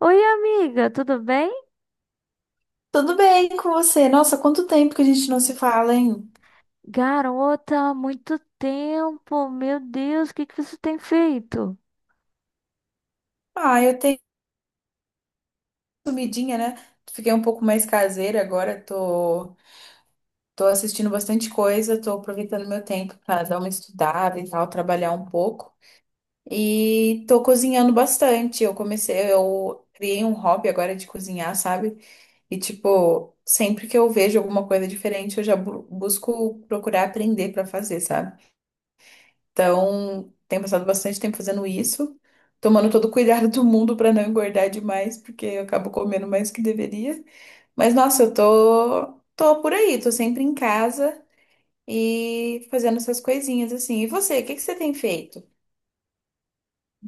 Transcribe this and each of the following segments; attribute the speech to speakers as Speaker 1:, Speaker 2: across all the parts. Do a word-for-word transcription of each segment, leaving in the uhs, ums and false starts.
Speaker 1: Oi, amiga, tudo bem?
Speaker 2: Tudo bem com você? Nossa, quanto tempo que a gente não se fala, hein?
Speaker 1: Garota, há muito tempo. Meu Deus, o que que você tem feito?
Speaker 2: Ah, eu tenho sumidinha, né? Fiquei um pouco mais caseira agora, tô, tô assistindo bastante coisa, tô aproveitando meu tempo para dar uma estudada e tal, trabalhar um pouco. E tô cozinhando bastante. Eu comecei, eu criei um hobby agora de cozinhar, sabe? E tipo, sempre que eu vejo alguma coisa diferente, eu já bu- busco procurar aprender para fazer, sabe? Então, tenho passado bastante tempo fazendo isso, tomando todo o cuidado do mundo para não engordar demais, porque eu acabo comendo mais que deveria. Mas nossa, eu tô tô por aí, tô sempre em casa e fazendo essas coisinhas assim. E você, o que que você tem feito?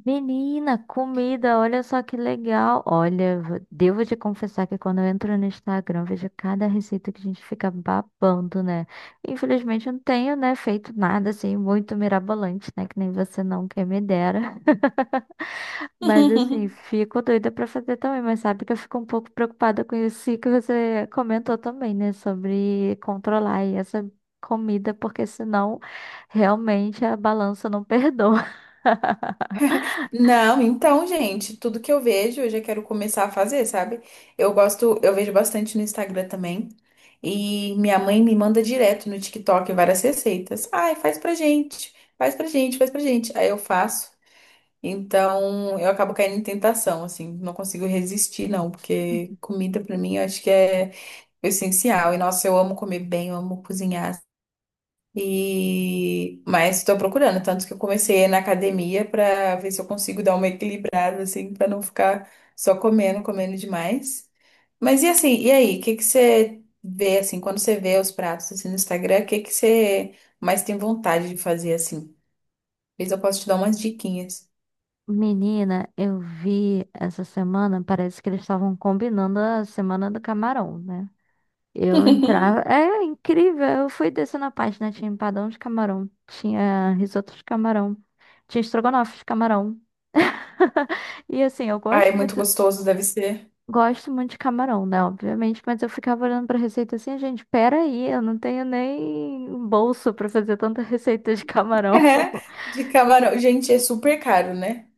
Speaker 1: Menina, comida, olha só que legal. Olha, v- devo te confessar que quando eu entro no Instagram, eu vejo cada receita que a gente fica babando, né? Infelizmente, eu não tenho, né, feito nada assim muito mirabolante, né? Que nem você não, quem me dera. Mas assim, fico doida pra fazer também, mas sabe que eu fico um pouco preocupada com isso que você comentou também, né? Sobre controlar aí essa comida, porque senão realmente a balança não perdoa.
Speaker 2: Não, então, gente, tudo que eu vejo, eu já quero começar a fazer, sabe? Eu gosto, eu vejo bastante no Instagram também. E minha mãe me manda direto no TikTok várias receitas. Ai, faz pra gente, faz pra gente, faz pra gente. Aí eu faço. Então, eu acabo caindo em tentação, assim, não consigo resistir, não, porque comida pra mim eu acho que é o essencial. E nossa, eu amo comer bem, eu amo cozinhar, e mas estou procurando, tanto que eu comecei na academia para ver se eu consigo dar uma equilibrada assim, para não ficar só comendo, comendo demais. Mas e assim, e aí, o que que você vê assim, quando você vê os pratos assim no Instagram, o que que você mais tem vontade de fazer assim? Talvez eu possa te dar umas diquinhas.
Speaker 1: Menina, eu vi essa semana, parece que eles estavam combinando a semana do camarão, né? Eu entrava. É incrível, eu fui descendo a página, tinha empadão de camarão, tinha risoto de camarão, tinha estrogonofe de camarão. E assim, eu
Speaker 2: Ah,
Speaker 1: gosto
Speaker 2: é muito
Speaker 1: muito.
Speaker 2: gostoso, deve ser.
Speaker 1: Gosto muito de camarão, né? Obviamente, mas eu ficava olhando pra receita assim, gente, pera aí, eu não tenho nem bolso pra fazer tanta receita de camarão.
Speaker 2: De camarão. Gente, é super caro, né?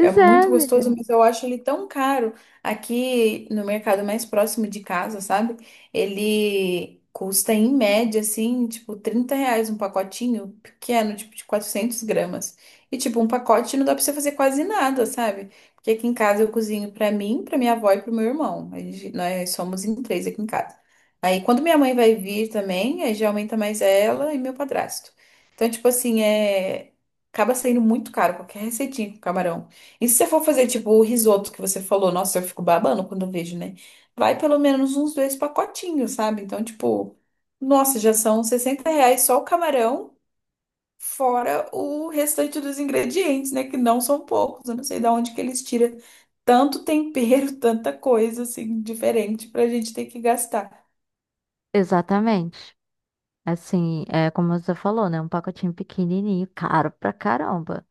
Speaker 2: É
Speaker 1: é,
Speaker 2: muito gostoso,
Speaker 1: menina.
Speaker 2: mas eu acho ele tão caro. Aqui no mercado mais próximo de casa, sabe? Ele custa em média, assim, tipo, trinta reais um pacotinho pequeno, tipo, de 400 gramas. E, tipo, um pacote não dá pra você fazer quase nada, sabe? Porque aqui em casa eu cozinho pra mim, pra minha avó e pro meu irmão. A gente- nós somos em três aqui em casa. Aí, quando minha mãe vai vir também, aí já aumenta mais ela e meu padrasto. Então, tipo assim, é... acaba saindo muito caro qualquer receitinha com camarão. E se você for fazer, tipo, o risoto que você falou, nossa, eu fico babando quando eu vejo, né? Vai pelo menos uns dois pacotinhos, sabe? Então, tipo, nossa, já são sessenta reais só o camarão, fora o restante dos ingredientes, né? Que não são poucos. Eu não sei de onde que eles tiram tanto tempero, tanta coisa, assim, diferente pra gente ter que gastar.
Speaker 1: Exatamente. Assim, é como você falou, né? Um pacotinho pequenininho, caro pra caramba.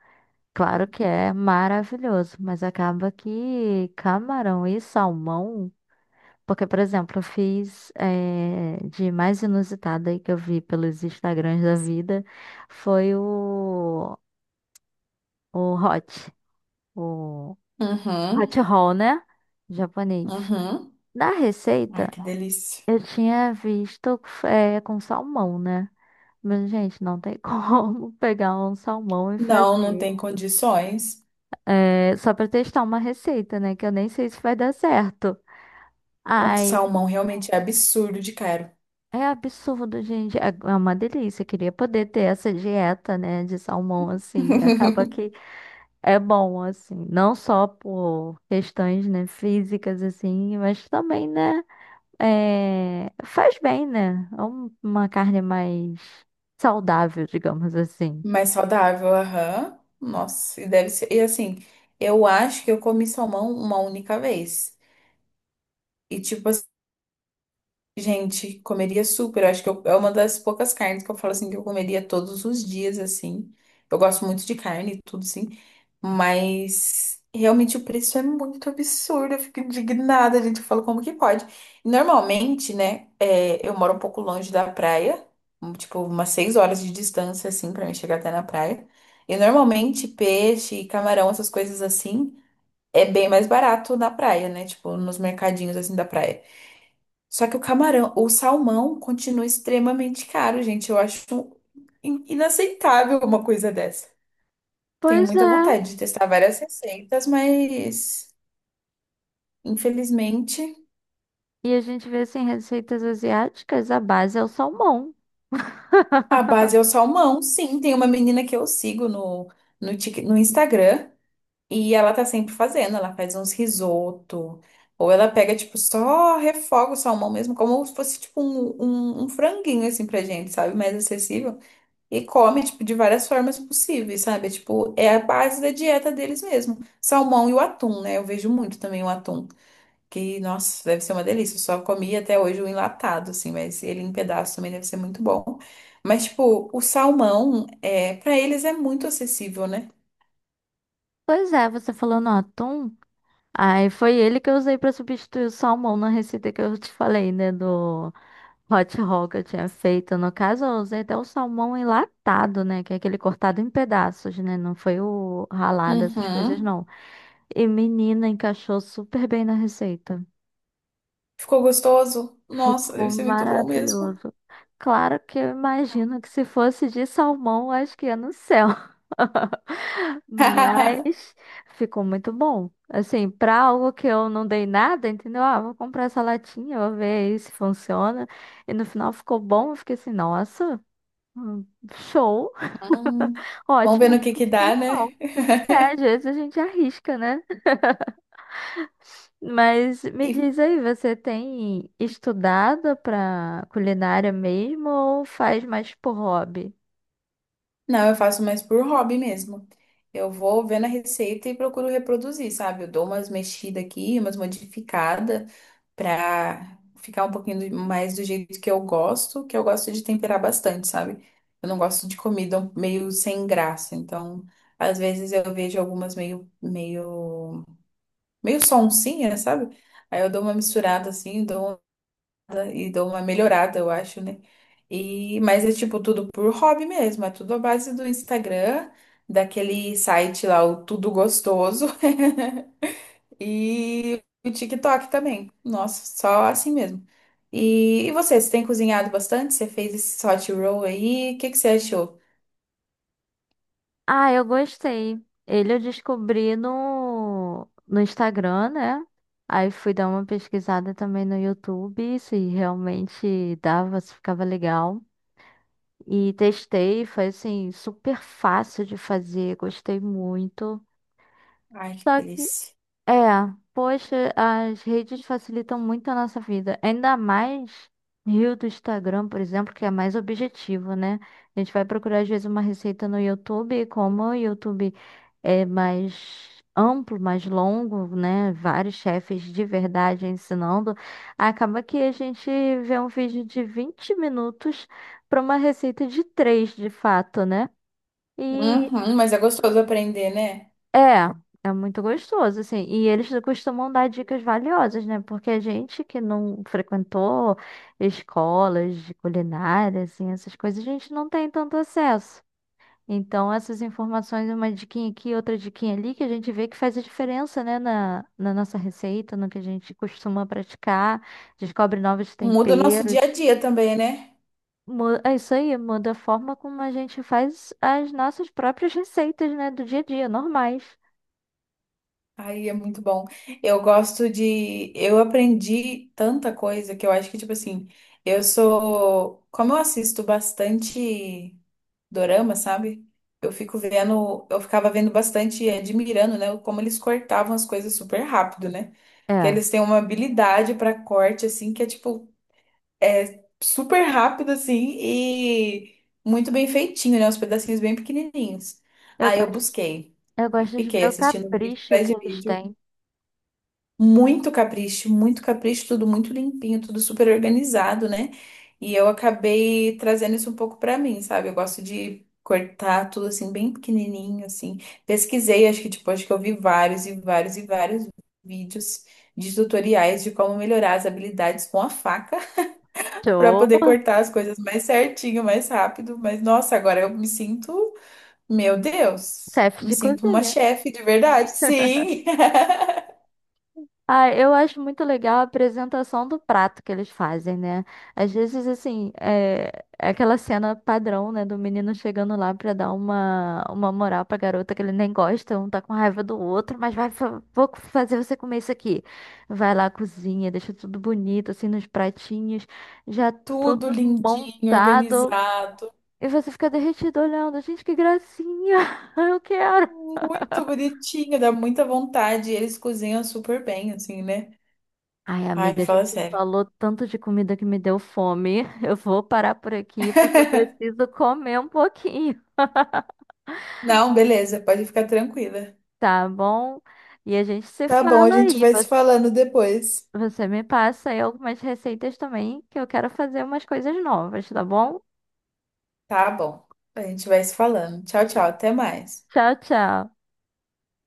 Speaker 1: Claro que é maravilhoso, mas acaba que camarão e salmão. Porque, por exemplo, eu fiz eh, de mais inusitada aí que eu vi pelos Instagrams da vida foi o o hot, o hot
Speaker 2: Uhum,
Speaker 1: roll, né? Japonês.
Speaker 2: uhum.
Speaker 1: Na receita,
Speaker 2: Que delícia.
Speaker 1: eu tinha visto é, com salmão, né? Mas, gente, não tem como pegar um salmão e
Speaker 2: Não, não
Speaker 1: fazer.
Speaker 2: tem condições.
Speaker 1: É, só pra testar uma receita, né? Que eu nem sei se vai dar certo.
Speaker 2: O
Speaker 1: Ai,
Speaker 2: salmão realmente é absurdo de caro.
Speaker 1: é absurdo, gente. É é uma delícia. Eu queria poder ter essa dieta, né? De salmão, assim. Acaba que é bom, assim. Não só por questões, né? Físicas, assim. Mas também, né? É, faz bem, né? É um- uma carne mais saudável, digamos assim.
Speaker 2: Mais saudável, aham. Nossa, e deve ser. E assim, eu acho que eu comi salmão uma única vez. E tipo assim, gente, comeria super. Eu acho que eu- é uma das poucas carnes que eu falo assim que eu comeria todos os dias, assim. Eu gosto muito de carne e tudo, sim. Mas realmente o preço é muito absurdo, eu fico indignada, gente. Eu falo como que pode. Normalmente, né, é, eu moro um pouco longe da praia, um, tipo umas seis horas de distância, assim, pra mim chegar até na praia. E normalmente peixe, camarão, essas coisas assim, é bem mais barato na praia, né? Tipo, nos mercadinhos assim da praia. Só que o camarão, o salmão continua extremamente caro, gente. Eu acho in- inaceitável uma coisa dessa. Tenho
Speaker 1: Pois
Speaker 2: muita
Speaker 1: é.
Speaker 2: vontade de testar várias receitas, mas infelizmente
Speaker 1: E a gente vê assim, receitas asiáticas, a base é o salmão.
Speaker 2: a base é o salmão. Sim, tem uma menina que eu sigo no, no, Tik- no Instagram e ela tá sempre fazendo. Ela faz uns risoto, ou ela pega, tipo, só refoga o salmão mesmo, como se fosse, tipo, um, um, um franguinho, assim, pra gente, sabe? Mais acessível. E come, tipo, de várias formas possíveis, sabe? É, tipo, é a base da dieta deles mesmo. Salmão e o atum, né? Eu vejo muito também o atum. Que, nossa, deve ser uma delícia. Eu só comi até hoje o enlatado, assim, mas ele em pedaço também deve ser muito bom. Mas, tipo, o salmão, é, para eles é muito acessível, né?
Speaker 1: Pois é, você falou no atum. Aí foi ele que eu usei pra substituir o salmão na receita que eu te falei, né? Do hot roll que eu tinha feito. No caso, eu usei até o salmão enlatado, né? Que é aquele cortado em pedaços, né? Não foi o ralado, essas coisas,
Speaker 2: Uhum.
Speaker 1: não. E menina, encaixou super bem na receita.
Speaker 2: Ficou gostoso? Nossa,
Speaker 1: Ficou
Speaker 2: deve ser muito bom mesmo.
Speaker 1: maravilhoso. Claro que eu imagino que se fosse de salmão, acho que ia no céu. Mas ficou muito bom. Assim, pra algo que eu não dei nada, entendeu? Ah, vou comprar essa latinha, vou ver aí se funciona. E no final ficou bom. Eu fiquei assim, nossa, hum, show,
Speaker 2: Hum. Vamos ver
Speaker 1: ótima
Speaker 2: no que que dá,
Speaker 1: construção.
Speaker 2: né?
Speaker 1: É, às vezes a gente arrisca, né? Mas me
Speaker 2: E
Speaker 1: diz aí, você tem estudado pra culinária mesmo ou faz mais por hobby?
Speaker 2: Não, eu faço mais por hobby mesmo. Eu vou vendo a receita e procuro reproduzir, sabe? Eu dou umas mexidas aqui, umas modificadas pra ficar um pouquinho do- mais do jeito que eu gosto, que eu gosto de temperar bastante, sabe? Eu não gosto de comida meio sem graça, então às vezes eu vejo algumas meio meio meio sonsinha, sabe? Aí eu dou uma misturada assim, dou e dou uma melhorada, eu acho, né? E, mas é tipo tudo por hobby mesmo, é tudo à base do Instagram, daquele site lá, o Tudo Gostoso, e o TikTok também. Nossa, só assim mesmo. E, e você, você tem cozinhado bastante? Você fez esse hot roll aí? O que que você achou?
Speaker 1: Ah, eu gostei. Ele eu descobri no, no Instagram, né? Aí fui dar uma pesquisada também no YouTube, se realmente dava, se ficava legal. E testei, foi assim, super fácil de fazer, gostei muito.
Speaker 2: Ai, que delícia.
Speaker 1: É, poxa, as redes facilitam muito a nossa vida. Ainda mais Rio do Instagram, por exemplo, que é mais objetivo, né? A gente vai procurar às vezes uma receita no YouTube, e como o YouTube é mais amplo, mais longo, né? Vários chefes de verdade ensinando. Acaba que a gente vê um vídeo de vinte minutos para uma receita de três, de fato, né?
Speaker 2: Uhum, mas é gostoso aprender, né?
Speaker 1: É, é muito gostoso, assim. E eles costumam dar dicas valiosas, né? Porque a gente que não frequentou escolas de culinária, assim, essas coisas, a gente não tem tanto acesso. Então, essas informações, uma diquinha aqui, outra diquinha ali, que a gente vê que faz a diferença, né, na, na nossa receita, no que a gente costuma praticar, descobre novos
Speaker 2: Muda o nosso dia a
Speaker 1: temperos.
Speaker 2: dia também, né?
Speaker 1: Mu- É isso aí, muda a forma como a gente faz as nossas próprias receitas, né, do dia a dia, normais.
Speaker 2: Ai, é muito bom. Eu gosto de. Eu aprendi tanta coisa que eu acho que, tipo assim, eu sou. Como eu assisto bastante dorama, sabe? Eu fico vendo. Eu ficava vendo bastante e admirando, né? Como eles cortavam as coisas super rápido, né? Que
Speaker 1: É.
Speaker 2: eles têm uma habilidade pra corte, assim, que é, tipo, é super rápido, assim, e muito bem feitinho, né? Os pedacinhos bem pequenininhos.
Speaker 1: Eu
Speaker 2: Aí eu
Speaker 1: gosto.
Speaker 2: busquei.
Speaker 1: Eu
Speaker 2: e
Speaker 1: gosto de
Speaker 2: Fiquei
Speaker 1: ver o
Speaker 2: assistindo vídeo
Speaker 1: capricho
Speaker 2: atrás
Speaker 1: que
Speaker 2: de
Speaker 1: eles
Speaker 2: vídeo.
Speaker 1: têm.
Speaker 2: Muito capricho, muito capricho, tudo muito limpinho, tudo super organizado, né? E eu acabei trazendo isso um pouco pra mim, sabe? Eu gosto de cortar tudo assim, bem pequenininho, assim. Pesquisei, acho que tipo, acho que eu vi vários e vários e vários vídeos de tutoriais de como melhorar as habilidades com a faca pra
Speaker 1: Sou
Speaker 2: poder cortar as coisas mais certinho, mais rápido. Mas nossa, agora eu me sinto, meu Deus,
Speaker 1: chefe
Speaker 2: me
Speaker 1: de
Speaker 2: sinto uma
Speaker 1: cozinha.
Speaker 2: chefe de verdade, sim.
Speaker 1: Ah, eu acho muito legal a apresentação do prato que eles fazem, né? Às vezes, assim, é é aquela cena padrão, né? Do menino chegando lá pra dar uma, uma moral pra garota que ele nem gosta, um tá com raiva do outro, mas vai, fa- vou fazer você comer isso aqui. Vai lá, cozinha, deixa tudo bonito, assim, nos pratinhos, já
Speaker 2: Tudo
Speaker 1: tudo
Speaker 2: lindinho,
Speaker 1: montado.
Speaker 2: organizado.
Speaker 1: E você fica derretido olhando. Gente, que gracinha! Eu quero!
Speaker 2: Muito bonitinho, dá muita vontade. e Eles cozinham super bem, assim, né?
Speaker 1: Ai,
Speaker 2: Ai,
Speaker 1: amiga, a
Speaker 2: fala
Speaker 1: gente
Speaker 2: sério.
Speaker 1: falou tanto de comida que me deu fome. Eu vou parar por aqui porque eu preciso comer um pouquinho,
Speaker 2: Não, beleza, pode ficar tranquila.
Speaker 1: tá bom? E a gente se
Speaker 2: Tá bom, a
Speaker 1: fala
Speaker 2: gente
Speaker 1: aí.
Speaker 2: vai
Speaker 1: Vo-
Speaker 2: se falando depois.
Speaker 1: Você me passa aí algumas receitas também, que eu quero fazer umas coisas novas, tá bom?
Speaker 2: Tá bom. A gente vai se falando. Tchau, tchau, até mais.
Speaker 1: Tchau, tchau.